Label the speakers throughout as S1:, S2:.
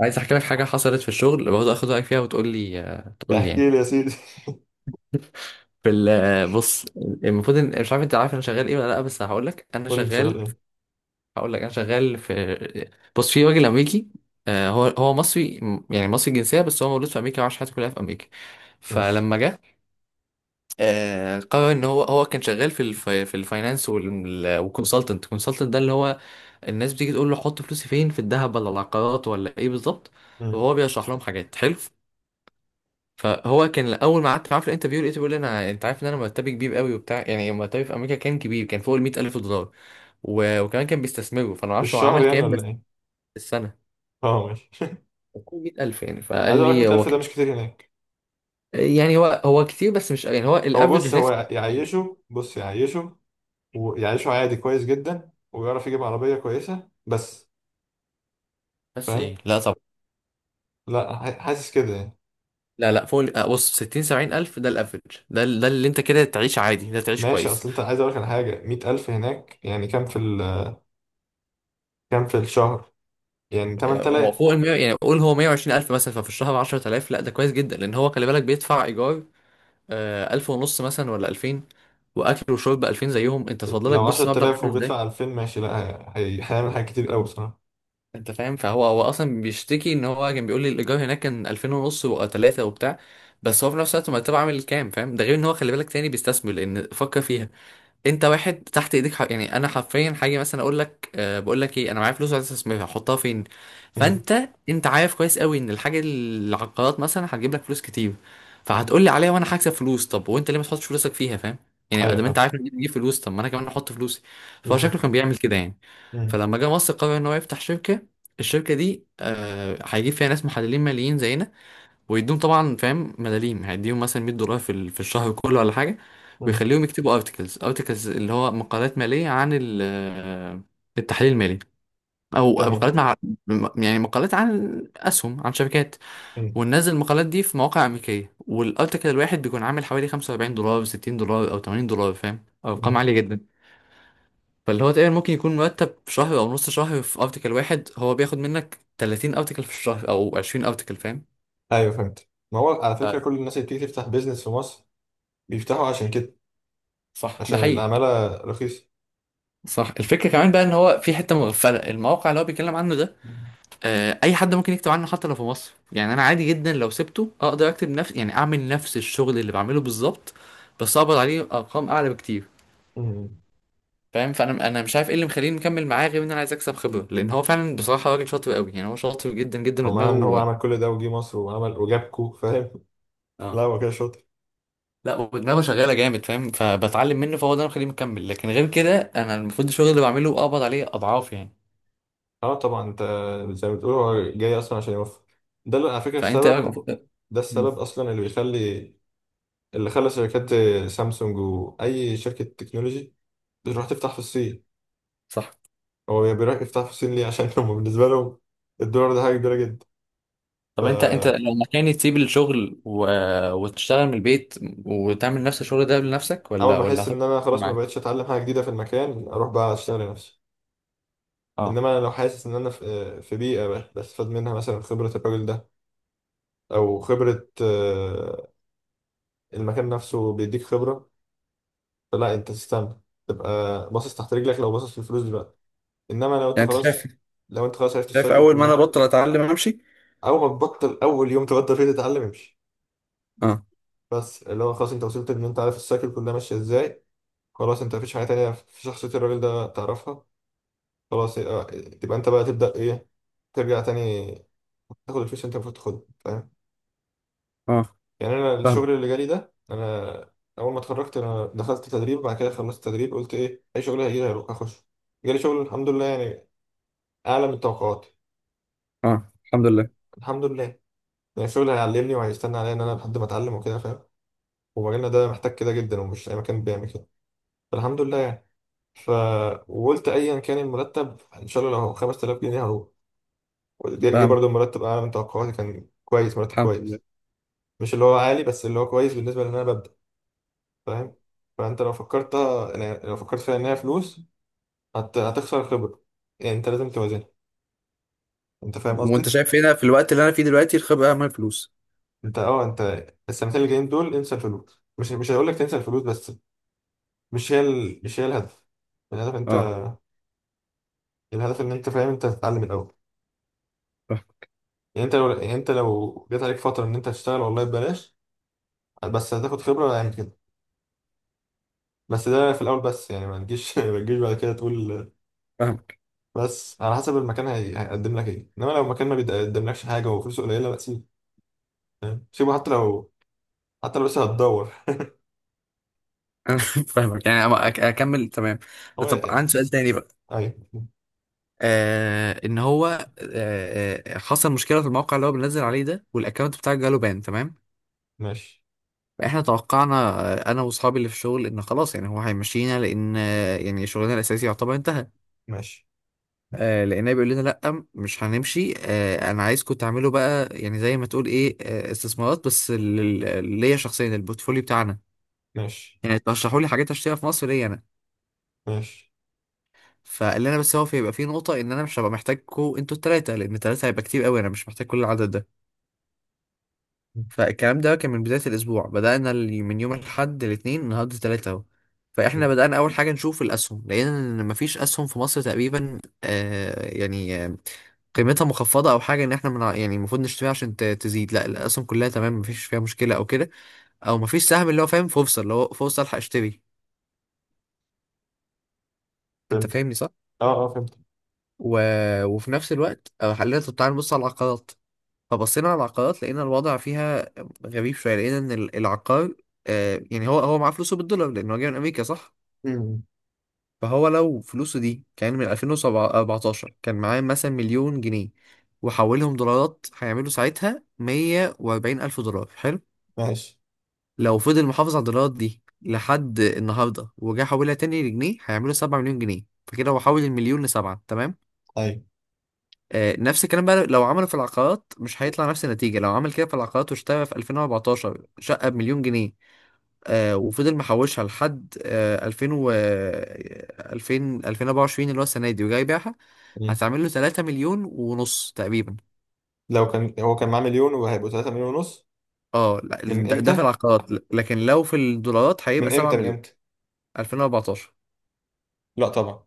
S1: عايز احكي لك حاجه حصلت في الشغل برضه اخد رايك فيها وتقول لي تقول لي
S2: احكي
S1: يعني.
S2: لي يا سيدي.
S1: في ال- آه، بص، المفروض ان مش عارف انت عارف انا شغال ايه ولا لا، بس
S2: قول لي انت شغال ايه.
S1: هقول لك انا شغال في. بص، في راجل امريكي. هو مصري، يعني مصري الجنسيه بس هو مولود في امريكا وعاش حياته كلها في امريكا.
S2: ماشي.
S1: فلما جه، قرر ان هو كان شغال في الفاينانس والكونسلتنت. الكونسلتنت ده اللي هو، الناس بتيجي تقول له حط فلوسي فين، في الذهب ولا العقارات ولا ايه بالظبط،
S2: مم.
S1: وهو بيشرح لهم حاجات حلو. فهو كان اول ما قعدت معاه في الانترفيو لقيته بيقول لي: انا، انت عارف ان انا مرتبي كبير قوي وبتاع، يعني مرتبي في امريكا كان كبير، كان فوق ال $100,000، و... وكمان كان بيستثمره، فانا ما
S2: في
S1: اعرفش هو
S2: الشهر
S1: عمل
S2: يعني
S1: كام. بس
S2: ولا
S1: في
S2: ايه؟
S1: السنه
S2: اه، ماشي.
S1: كان فوق 100,000، يعني فقال
S2: عايز اقول لك
S1: لي هو
S2: 100,000 ده
S1: كان،
S2: مش كتير هناك.
S1: يعني هو كتير، بس مش، يعني هو
S2: هو
S1: الافرج
S2: بص،
S1: هناك
S2: هو
S1: 60 70.
S2: يعيشه، بص يعيشه، ويعيشه عادي كويس جدا، ويعرف يجيب عربية كويسة، بس
S1: بس
S2: فاهم.
S1: ايه، لا طبعا.
S2: لا، حاسس كده يعني.
S1: لا لا، فوق بص، 60 70 الف ده الافرج، ده اللي انت كده تعيش عادي، ده تعيش
S2: ماشي.
S1: كويس.
S2: اصل انت عايز اقول لك على حاجة، 100,000 هناك يعني كام في ال، كام في الشهر؟ يعني
S1: يعني هو
S2: 8,000.
S1: فوق ال 100، يعني قول هو 120 الف مثلا، ففي الشهر 10,000. لا ده كويس جدا، لان هو خلي بالك بيدفع ايجار، 1,500 مثلا ولا 2,000، وأكل وشرب بـ2,000 زيهم. أنت تفضلك
S2: لو
S1: بص مبلغ
S2: 10,000
S1: عامل إزاي.
S2: وبيدفع 2,000، ماشي. لا، هيعمل حاجات كتير قوي بصراحة.
S1: أنت فاهم، فهو أصلا بيشتكي، إن هو كان بيقول لي الإيجار هناك كان 2,500 وتلاتة وبتاع. بس هو في نفس الوقت مرتبه عامل كام؟ فاهم، ده غير إن هو خلي بالك تاني بيستثمر، لأن فكر فيها، انت واحد تحت ايديك حق. يعني انا حرفيا حاجه، مثلا اقول لك: بقول لك ايه، انا معايا فلوس عايز استثمرها، احطها فين؟
S2: مم.
S1: فانت عارف كويس قوي ان الحاجه اللي على القرارات مثلا هتجيب لك فلوس كتير، فهتقول لي عليها وانا هكسب فلوس. طب وانت ليه ما تحطش فلوسك فيها؟ فاهم، يعني
S2: ايوه
S1: ادام انت
S2: فاهم.
S1: عارف ان دي بتجيب فلوس، طب ما انا كمان احط فلوسي. فهو
S2: بالظبط.
S1: شكله كان بيعمل كده يعني.
S2: مم.
S1: فلما جه مصر قرر ان هو يفتح شركه. الشركه دي هيجيب فيها ناس محللين ماليين زينا، ويديهم طبعا، فاهم، ملاليم. هيديهم مثلا $100 في الشهر كله ولا حاجه،
S2: مم.
S1: ويخليهم يكتبوا ارتكلز. اللي هو مقالات ماليه عن التحليل المالي، او
S2: تمام.
S1: مقالات يعني مقالات عن اسهم، عن شركات،
S2: مم.
S1: وننزل المقالات دي في مواقع امريكيه. والارتكل الواحد بيكون عامل حوالي $45، $60، او $80، فاهم، ارقام عاليه جدا. فاللي هو تقريبا ممكن يكون مرتب في شهر او نص شهر في ارتكل واحد، هو بياخد منك 30 ارتكل في الشهر او 20 ارتكل، فاهم.
S2: ايوه فهمت. ما هو على فكره كل الناس اللي بتيجي تفتح بيزنس في مصر بيفتحوا عشان كده،
S1: صح،
S2: عشان
S1: ده حقيقي.
S2: العماله رخيصه.
S1: صح، الفكرة كمان بقى، ان هو في حتة مغفلة، الموقع اللي هو بيتكلم عنه ده، اي حد ممكن يكتب عنه حتى لو في مصر. يعني انا عادي جدا لو سبته اقدر اكتب نفس، يعني اعمل نفس الشغل اللي بعمله بالظبط، بس اقبض عليه ارقام اعلى بكتير،
S2: امم.
S1: فاهم. فانا مش عارف ايه اللي مخليني مكمل معاه، غير ان انا عايز اكسب خبرة، لان هو فعلا بصراحة راجل شاطر قوي. يعني هو شاطر جدا جدا،
S2: ومعنى ان هو
S1: ودماغه.
S2: عمل كل ده وجي مصر وعمل وجابكو فاهم. لا
S1: اه،
S2: هو كده شاطر.
S1: لا ودماغه شغالة جامد، فاهم، فبتعلم منه، فهو ده اللي مخليني مكمل. لكن غير كده، انا المفروض الشغل اللي بعمله اقبض عليه اضعاف يعني.
S2: اه طبعا. انت زي ما بتقول، هو جاي اصلا عشان يوفر، ده اللي على فكره
S1: فانت.
S2: السبب، ده
S1: مم.
S2: السبب اصلا اللي بيخلي، اللي خلى شركات زي سامسونج واي شركه تكنولوجي بتروح تفتح في الصين.
S1: صح.
S2: هو بيروح يفتح في الصين ليه؟ عشان هم بالنسبه لهم الدولار ده حاجه كبيره
S1: طب انت،
S2: جدا.
S1: لما كان تسيب الشغل و... وتشتغل من البيت، وتعمل نفس الشغل ده لنفسك،
S2: اول
S1: ولا
S2: ما احس ان
S1: هتفضل
S2: انا خلاص ما
S1: معاه؟
S2: بقتش اتعلم حاجه جديده في المكان، اروح بقى اشتغل لنفسي.
S1: اه.
S2: انما انا لو حاسس ان انا في بيئه بستفاد منها، مثلا خبره الراجل ده، او خبره المكان نفسه بيديك خبره، فلا، انت تستنى، تبقى باصص تحت رجلك. لو باصص في الفلوس دلوقتي، انما لو انت
S1: يعني انت شايف؟
S2: خلاص، لو انت خلاص عرفت
S1: شايف
S2: السايكل
S1: اول ما انا
S2: كلها،
S1: بطل اتعلم امشي؟
S2: اول ما تبطل، اول يوم تبطل فيه تتعلم امشي.
S1: اه
S2: بس اللي هو خلاص، انت وصلت ان انت عارف السايكل كلها ماشيه ازاي، خلاص انت مفيش حاجه تانية في شخصيه الراجل ده تعرفها، خلاص، تبقى انت بقى تبدأ ايه، ترجع تاني تاخد الفلوس اللي انت المفروض تاخدها، فاهم؟
S1: اه،
S2: يعني انا
S1: فاهم.
S2: الشغل اللي جالي ده، انا اول ما اتخرجت انا دخلت تدريب، بعد كده خلصت تدريب، قلت ايه اي شغل هيجي لي هروح اخش. جالي شغل الحمد لله، يعني اعلى من توقعاتي.
S1: اه، الحمد لله.
S2: الحمد لله. يعني الشغل هيعلمني وهيستنى عليا، ان انا لحد ما اتعلم وكده فاهم. ومجالنا ده محتاج كده جدا، ومش اي مكان بيعمل كده، فالحمد لله يعني. ف وقلت ايا كان المرتب ان شاء الله، لو 5,000 جنيه هروح. جه
S1: فاهم.
S2: برضه المرتب اعلى من توقعاتي، كان كويس، مرتب
S1: الحمد لله.
S2: كويس، مش اللي هو عالي بس اللي هو كويس، بالنسبة لان انا ببدأ، فاهم. فانت لو فكرت، يعني لو فكرت فيها ان هي فلوس، هتخسر خبرة. يعني انت لازم توازنها، انت فاهم
S1: وانت
S2: قصدي.
S1: شايف هنا في الوقت اللي انا فيه دلوقتي الخبره اهم من الفلوس؟
S2: انت اه، انت السنتين اللي جايين دول انسى الفلوس. مش هقول لك تنسى الفلوس، بس مش هي الهدف. الهدف انت،
S1: اه،
S2: الهدف ان انت فاهم، انت تتعلم الاول.
S1: فاهم.
S2: يعني انت لو جات عليك فترة ان انت هتشتغل والله ببلاش، بس هتاخد خبرة، يعني كده. بس ده في الاول بس، يعني ما تجيش ما تجيش بعد كده تقول.
S1: فاهمك.
S2: بس على حسب المكان هيقدم لك ايه. انما لو المكان ما بيقدملكش حاجه وفلوسه قليله، لا سيبه، فاهم؟ سيبه، حتى لو، حتى لو لسه هتدور.
S1: انا فاهمك، يعني اكمل، تمام.
S2: هو
S1: طب عندي سؤال
S2: يعني-.
S1: تاني بقى.
S2: ايوه.
S1: آه ان هو آه آه، حصل مشكله في الموقع اللي هو بنزل عليه ده، والاكونت بتاعك جاله بان. تمام.
S2: ماشي.
S1: احنا توقعنا، انا واصحابي اللي في الشغل، ان خلاص، يعني هو هيمشينا، لان يعني شغلنا الاساسي يعتبر انتهى.
S2: ماشي.
S1: لقيناه بيقول لنا لا، مش هنمشي، انا عايزكم تعملوا بقى، يعني زي ما تقول ايه، استثمارات، بس ليا شخصيا، البورتفوليو بتاعنا.
S2: ماشي.
S1: يعني ترشحوا لي حاجات اشتريها في مصر ليا انا.
S2: ماشي.
S1: فقال لنا بس هو هيبقى في نقطة ان انا مش هبقى محتاجكم انتوا التلاتة، لان التلاتة هيبقى كتير قوي، انا مش محتاج كل العدد ده. فالكلام ده كان من بداية الأسبوع. بدأنا من يوم الأحد الاثنين، النهاردة تلاتة أهو. فإحنا بدأنا أول حاجة نشوف الأسهم، لأن مفيش أسهم في مصر تقريبا، آه يعني، قيمتها مخفضة أو حاجة، إن إحنا، من يعني، المفروض نشتريها عشان تزيد. لا، الأسهم كلها تمام، مفيش فيها مشكلة أو كده، أو مفيش سهم اللي هو، فاهم، فرصة، اللي هو فرصة ألحق أشتري. أنت
S2: فهمت.
S1: فاهمني صح؟
S2: اه اه فهمت.
S1: و... وفي نفس الوقت، خلينا طب تعالى نبص على العقارات. فبصينا على العقارات، لقينا الوضع فيها غريب شوية. لقينا إن ال- العقار آه، يعني هو معاه فلوسه بالدولار، لأن هو جاي من أمريكا صح؟
S2: مم.
S1: فهو لو فلوسه دي كان من 2014، كان معاه مثلا مليون جنيه، وحولهم دولارات هيعملوا ساعتها 140 ألف دولار، حلو؟
S2: ماشي.
S1: لو فضل محافظ على الدولارات دي لحد النهاردة وجا حولها تاني لجنيه، هيعملوا 7 مليون جنيه، فكده هو حول المليون لسبعة، تمام؟
S2: ايوه.
S1: نفس الكلام بقى لو عمله في العقارات، مش هيطلع نفس النتيجة؟ لو عمل كده في العقارات واشترى في 2014 شقة بمليون جنيه، وفضل محوشها لحد 2000 و 2000 2024، اللي هو السنة دي، وجاي يبيعها،
S2: مم.
S1: هتعمل له 3 مليون ونص تقريبا.
S2: لو كان هو كان معاه مليون وهيبقوا 3 مليون ونص.
S1: اه لا،
S2: من
S1: ده في
S2: امتى؟
S1: العقارات، لكن لو في الدولارات هيبقى
S2: من
S1: 7
S2: امتى؟ من
S1: مليون.
S2: امتى؟
S1: 2014.
S2: لا طبعا.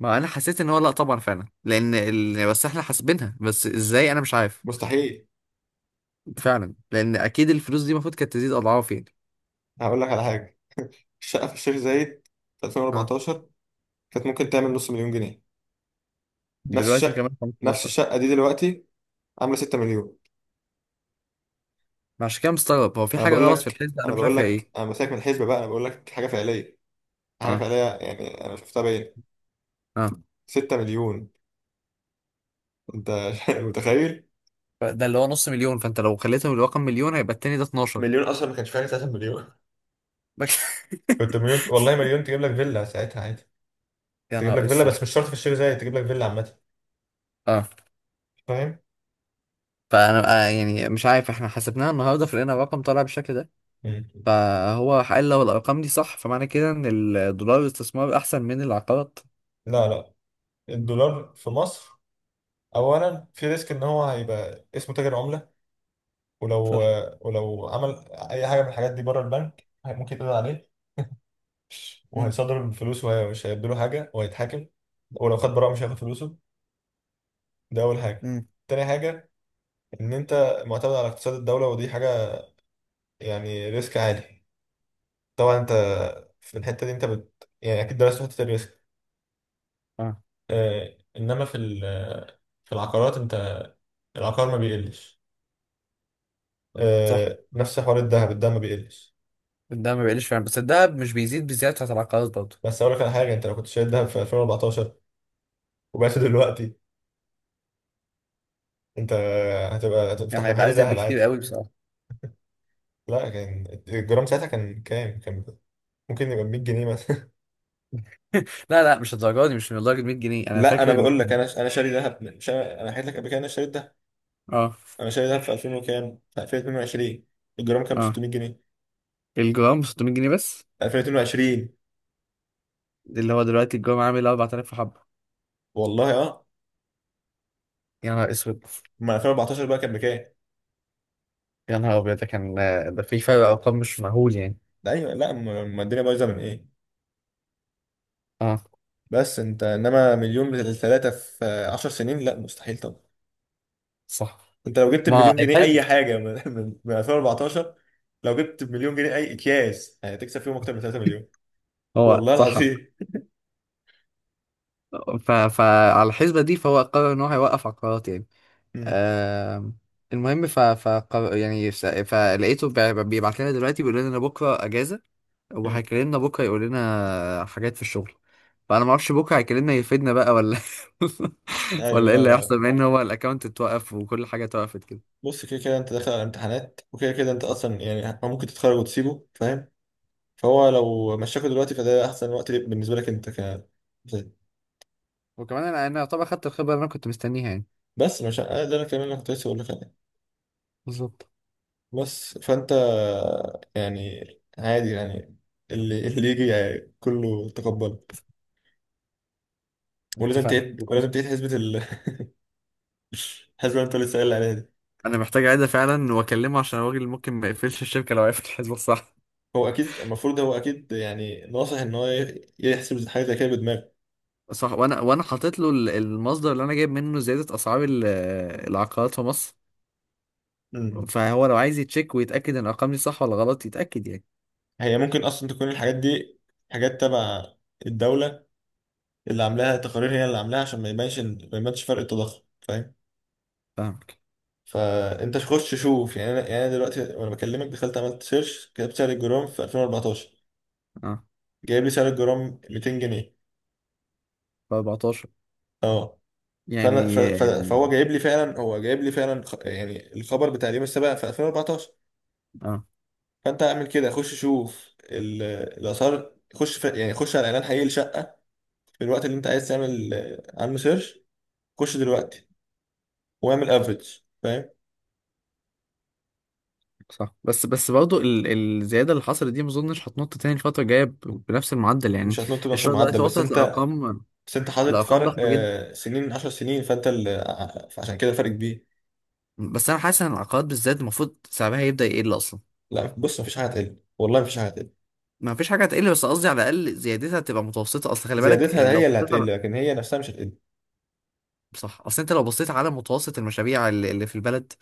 S1: ما انا حسيت ان هو لا طبعا فعلا، لان بس احنا حاسبينها بس ازاي، انا مش عارف.
S2: مستحيل.
S1: فعلا، لان اكيد الفلوس دي المفروض كانت تزيد اضعاف يعني.
S2: هقول لك على حاجه. الشقه في الشيخ زايد في
S1: اه.
S2: 2014 كانت ممكن تعمل نص مليون جنيه. نفس
S1: دلوقتي
S2: الشقه،
S1: كمان
S2: نفس
S1: 15.
S2: الشقه دي دلوقتي عامله 6 مليون.
S1: ما عشان كده مستغرب، هو في
S2: انا
S1: حاجة
S2: بقول
S1: غلط في
S2: لك،
S1: الحسبة، أنا
S2: انا
S1: مش
S2: بقول
S1: عارف هي إيه.
S2: لك، انا بسالك من الحسبه بقى، انا بقول لك حاجه فعليه، حاجه
S1: أه
S2: فعليه، يعني انا شفتها بعيني.
S1: أه،
S2: 6 مليون. انت متخيل؟
S1: ده اللي هو نص مليون، فأنت لو خليتهم الرقم مليون هيبقى التاني ده 12.
S2: مليون اصلا ما كانش فيها 3 مليون. كنت مليون، والله مليون تجيب لك فيلا ساعتها عادي.
S1: يا
S2: تجيب
S1: نهار
S2: لك فيلا،
S1: اسود.
S2: بس مش شرط في الشيخ زايد، تجيب لك فيلا عامه،
S1: اه،
S2: فاهم.
S1: فانا يعني مش عارف، احنا حسبناها النهارده فلقينا الرقم طالع بالشكل ده.
S2: مم.
S1: فهو قال لو الارقام دي صح، فمعنى كده ان الدولار استثمار احسن من العقارات.
S2: لا لا. الدولار في مصر، اولا في ريسك ان هو هيبقى اسمه تاجر عمله، ولو،
S1: صح.
S2: ولو عمل اي حاجه من الحاجات دي بره البنك، ممكن يتقضي عليه،
S1: امم.
S2: وهيصدر الفلوس ومش هيدوا له حاجه، وهيتحاكم. ولو خد براءه مش هياخد فلوسه. ده اول حاجه.
S1: امم.
S2: تاني حاجه، ان انت معتمد على اقتصاد الدوله، ودي حاجه يعني ريسك عالي. طبعا انت في الحته دي انت يعني اكيد درست حته الريسك.
S1: اه،
S2: آه، انما في العقارات، انت العقار ما بيقلش،
S1: صح،
S2: آه، نفس حوار الذهب، الذهب ما بيقلش.
S1: الدهب ما بيقلش فعلا، بس الدهب مش بيزيد بالزياده بتاعت العقارات برضه.
S2: بس اقول لك على حاجه، انت لو كنت شاري الذهب في 2014 وبعته دلوقتي، انت هتبقى هتفتح
S1: يعني هيبقى
S2: محل
S1: ازيد
S2: ذهب
S1: بكتير
S2: عادي.
S1: قوي بصراحه.
S2: لا كان الجرام ساعتها كان كام؟ كان ممكن يبقى 100 جنيه مثلا.
S1: لا لا، مش الدرجه دي، مش من لدرجه 100 جنيه. انا
S2: لا انا
S1: فاكر ان،
S2: بقول لك، انا شاري ذهب انا حكيت لك قبل كده إن انا شاري ذهب.
S1: اه
S2: انا شاري ذهب في 2000 وكام، في 2022، الجرام كان ب
S1: اه،
S2: 600 جنيه،
S1: الجرام ب 600 جنيه بس.
S2: في 2022.
S1: اللي هو دلوقتي الجرام عامل 4,000 حبه.
S2: والله اه.
S1: يا نهار اسود.
S2: ما 2014 بقى كان بكام.
S1: يا نهار ابيض، ده كان، ده في فرق ارقام مش مهول يعني.
S2: ده ايوه، لا ما الدنيا بايظه من ايه،
S1: اه،
S2: بس انت انما مليون ثلاثه في 10 سنين؟ لا مستحيل طبعا.
S1: صح.
S2: انت لو جبت
S1: ما
S2: المليون جنيه
S1: الحسبة.
S2: اي حاجه من 2014. لو جبت مليون جنيه اي اكياس، هتكسب فيهم اكتر من 3 مليون،
S1: هو
S2: والله
S1: صح.
S2: العظيم.
S1: ف... فعلى الحسبة دي فهو قرر ان هو هيوقف عقارات يعني. آم، المهم. يعني، فلقيته بيبعت لنا دلوقتي بيقول لنا بكره اجازة،
S2: مم.
S1: وهيكلمنا بكره يقول لنا حاجات في الشغل. فانا ما اعرفش بكره هيكلمنا يفيدنا بقى ولا
S2: ايوه.
S1: ولا ايه
S2: لا
S1: اللي
S2: لا.
S1: هيحصل، بما ان هو الاكونت اتوقف وكل حاجه اتوقفت كده.
S2: بص، كده كده انت داخل على امتحانات، وكده كده انت
S1: صح.
S2: اصلا يعني ممكن تتخرج وتسيبه، فاهم. فهو لو مشاكل دلوقتي، فده احسن وقت ليك، بالنسبه لك انت ك.
S1: وكمان انا، يعتبر خدت الخبره اللي انا كنت مستنيها يعني.
S2: بس مش أنا ده، انا كمان اللي كنت لسه بقول لك عليه.
S1: بالظبط.
S2: بس فانت يعني عادي يعني، اللي اللي يجي يعني كله تقبله. ولازم
S1: اتفقنا.
S2: تعيد، ولازم تعيد الحسبه اللي انت لسه قايل عليها دي.
S1: انا محتاج اعيدها فعلا واكلمه، عشان الراجل ممكن ما يقفلش الشركه لو عرف الحسبه الصح.
S2: هو اكيد المفروض، هو اكيد يعني ناصح ان هو يحسب حاجه زي كده
S1: صح. وانا حاطط له المصدر اللي انا جايب منه زياده اسعار العقارات في مصر،
S2: بدماغه.
S1: فهو لو عايز يتشيك ويتاكد ان الارقام دي صح ولا غلط يتاكد يعني.
S2: هي ممكن اصلا تكون الحاجات دي حاجات تبع الدوله اللي عاملاها تقارير، هي اللي عاملاها عشان ما يبانش فرق التضخم، فاهم.
S1: فاهمك.
S2: فانت خش شوف. يعني انا، يعني أنا دلوقتي وانا بكلمك، دخلت عملت سيرش، كتبت سعر الجرام في 2014.
S1: اه.
S2: جايب لي سعر الجرام 200 جنيه.
S1: 14.
S2: اه. فانا
S1: يعني،
S2: فهو جايب لي فعلا، هو جايب لي فعلا يعني الخبر بتاع اليوم السابع في 2014.
S1: اه،
S2: فانت اعمل كده، خش شوف ال... الاسعار. يعني خش على اعلان حقيقي لشقه في الوقت اللي انت عايز تعمل عنه سيرش. خش دلوقتي واعمل افريج، فاهم.
S1: صح. بس، برضه الزياده اللي حصلت دي ما اظنش هتنط تاني الفتره الجايه ب... بنفس المعدل يعني.
S2: مش هتنط بنفس
S1: الشراء
S2: المعدل،
S1: دلوقتي
S2: بس
S1: وصلت
S2: انت،
S1: لارقام،
S2: بس انت حاطط فرق
S1: ضخمه جدا.
S2: سنين، 10 سنين، فانت فعشان كده فرق كبير.
S1: بس انا حاسس ان العقارات بالذات المفروض سعرها يبدا يقل اصلا.
S2: لا بص، مفيش حاجه هتقل، والله مفيش حاجه هتقل.
S1: ما فيش حاجه هتقل، بس قصدي على الاقل زيادتها تبقى متوسطه، اصل خلي بالك،
S2: زيادتها
S1: لو
S2: هي اللي
S1: بصيت
S2: هتقل،
S1: على،
S2: لكن هي نفسها مش هتقل.
S1: صح، اصل انت لو بصيت على متوسط المشاريع اللي في البلد،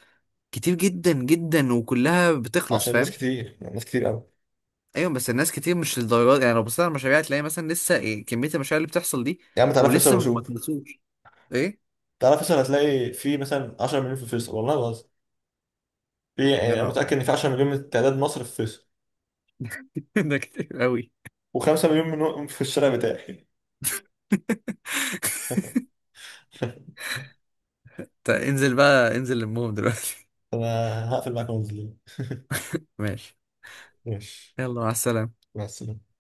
S1: كتير جدا جدا، وكلها بتخلص،
S2: عشان ناس
S1: فاهم.
S2: كتير، يعني ناس كتير قوي.
S1: ايوه، بس الناس كتير مش للدرجه دي. يعني لو بصيت على المشاريع هتلاقي مثلا لسه كميه المشاريع اللي بتحصل دي،
S2: يا عم تعالى فيصل
S1: ولسه ما
S2: وشوف.
S1: خلصوش. ايه.
S2: تعالى فيصل، هتلاقي في مثلا 10 مليون في فيصل، والله ما بهزر. في، يعني
S1: يا
S2: انا
S1: نهار،
S2: متاكد ان في 10 مليون من تعداد مصر في فيصل،
S1: ده كتير قوي.
S2: و5 مليون منهم في الشارع بتاعي.
S1: طيب انزل بقى، انزل، المهم دلوقتي.
S2: انا هقفل معاك وانزل.
S1: ماشي.
S2: ماشي.
S1: يلا مع السلامه.
S2: مع السلامه.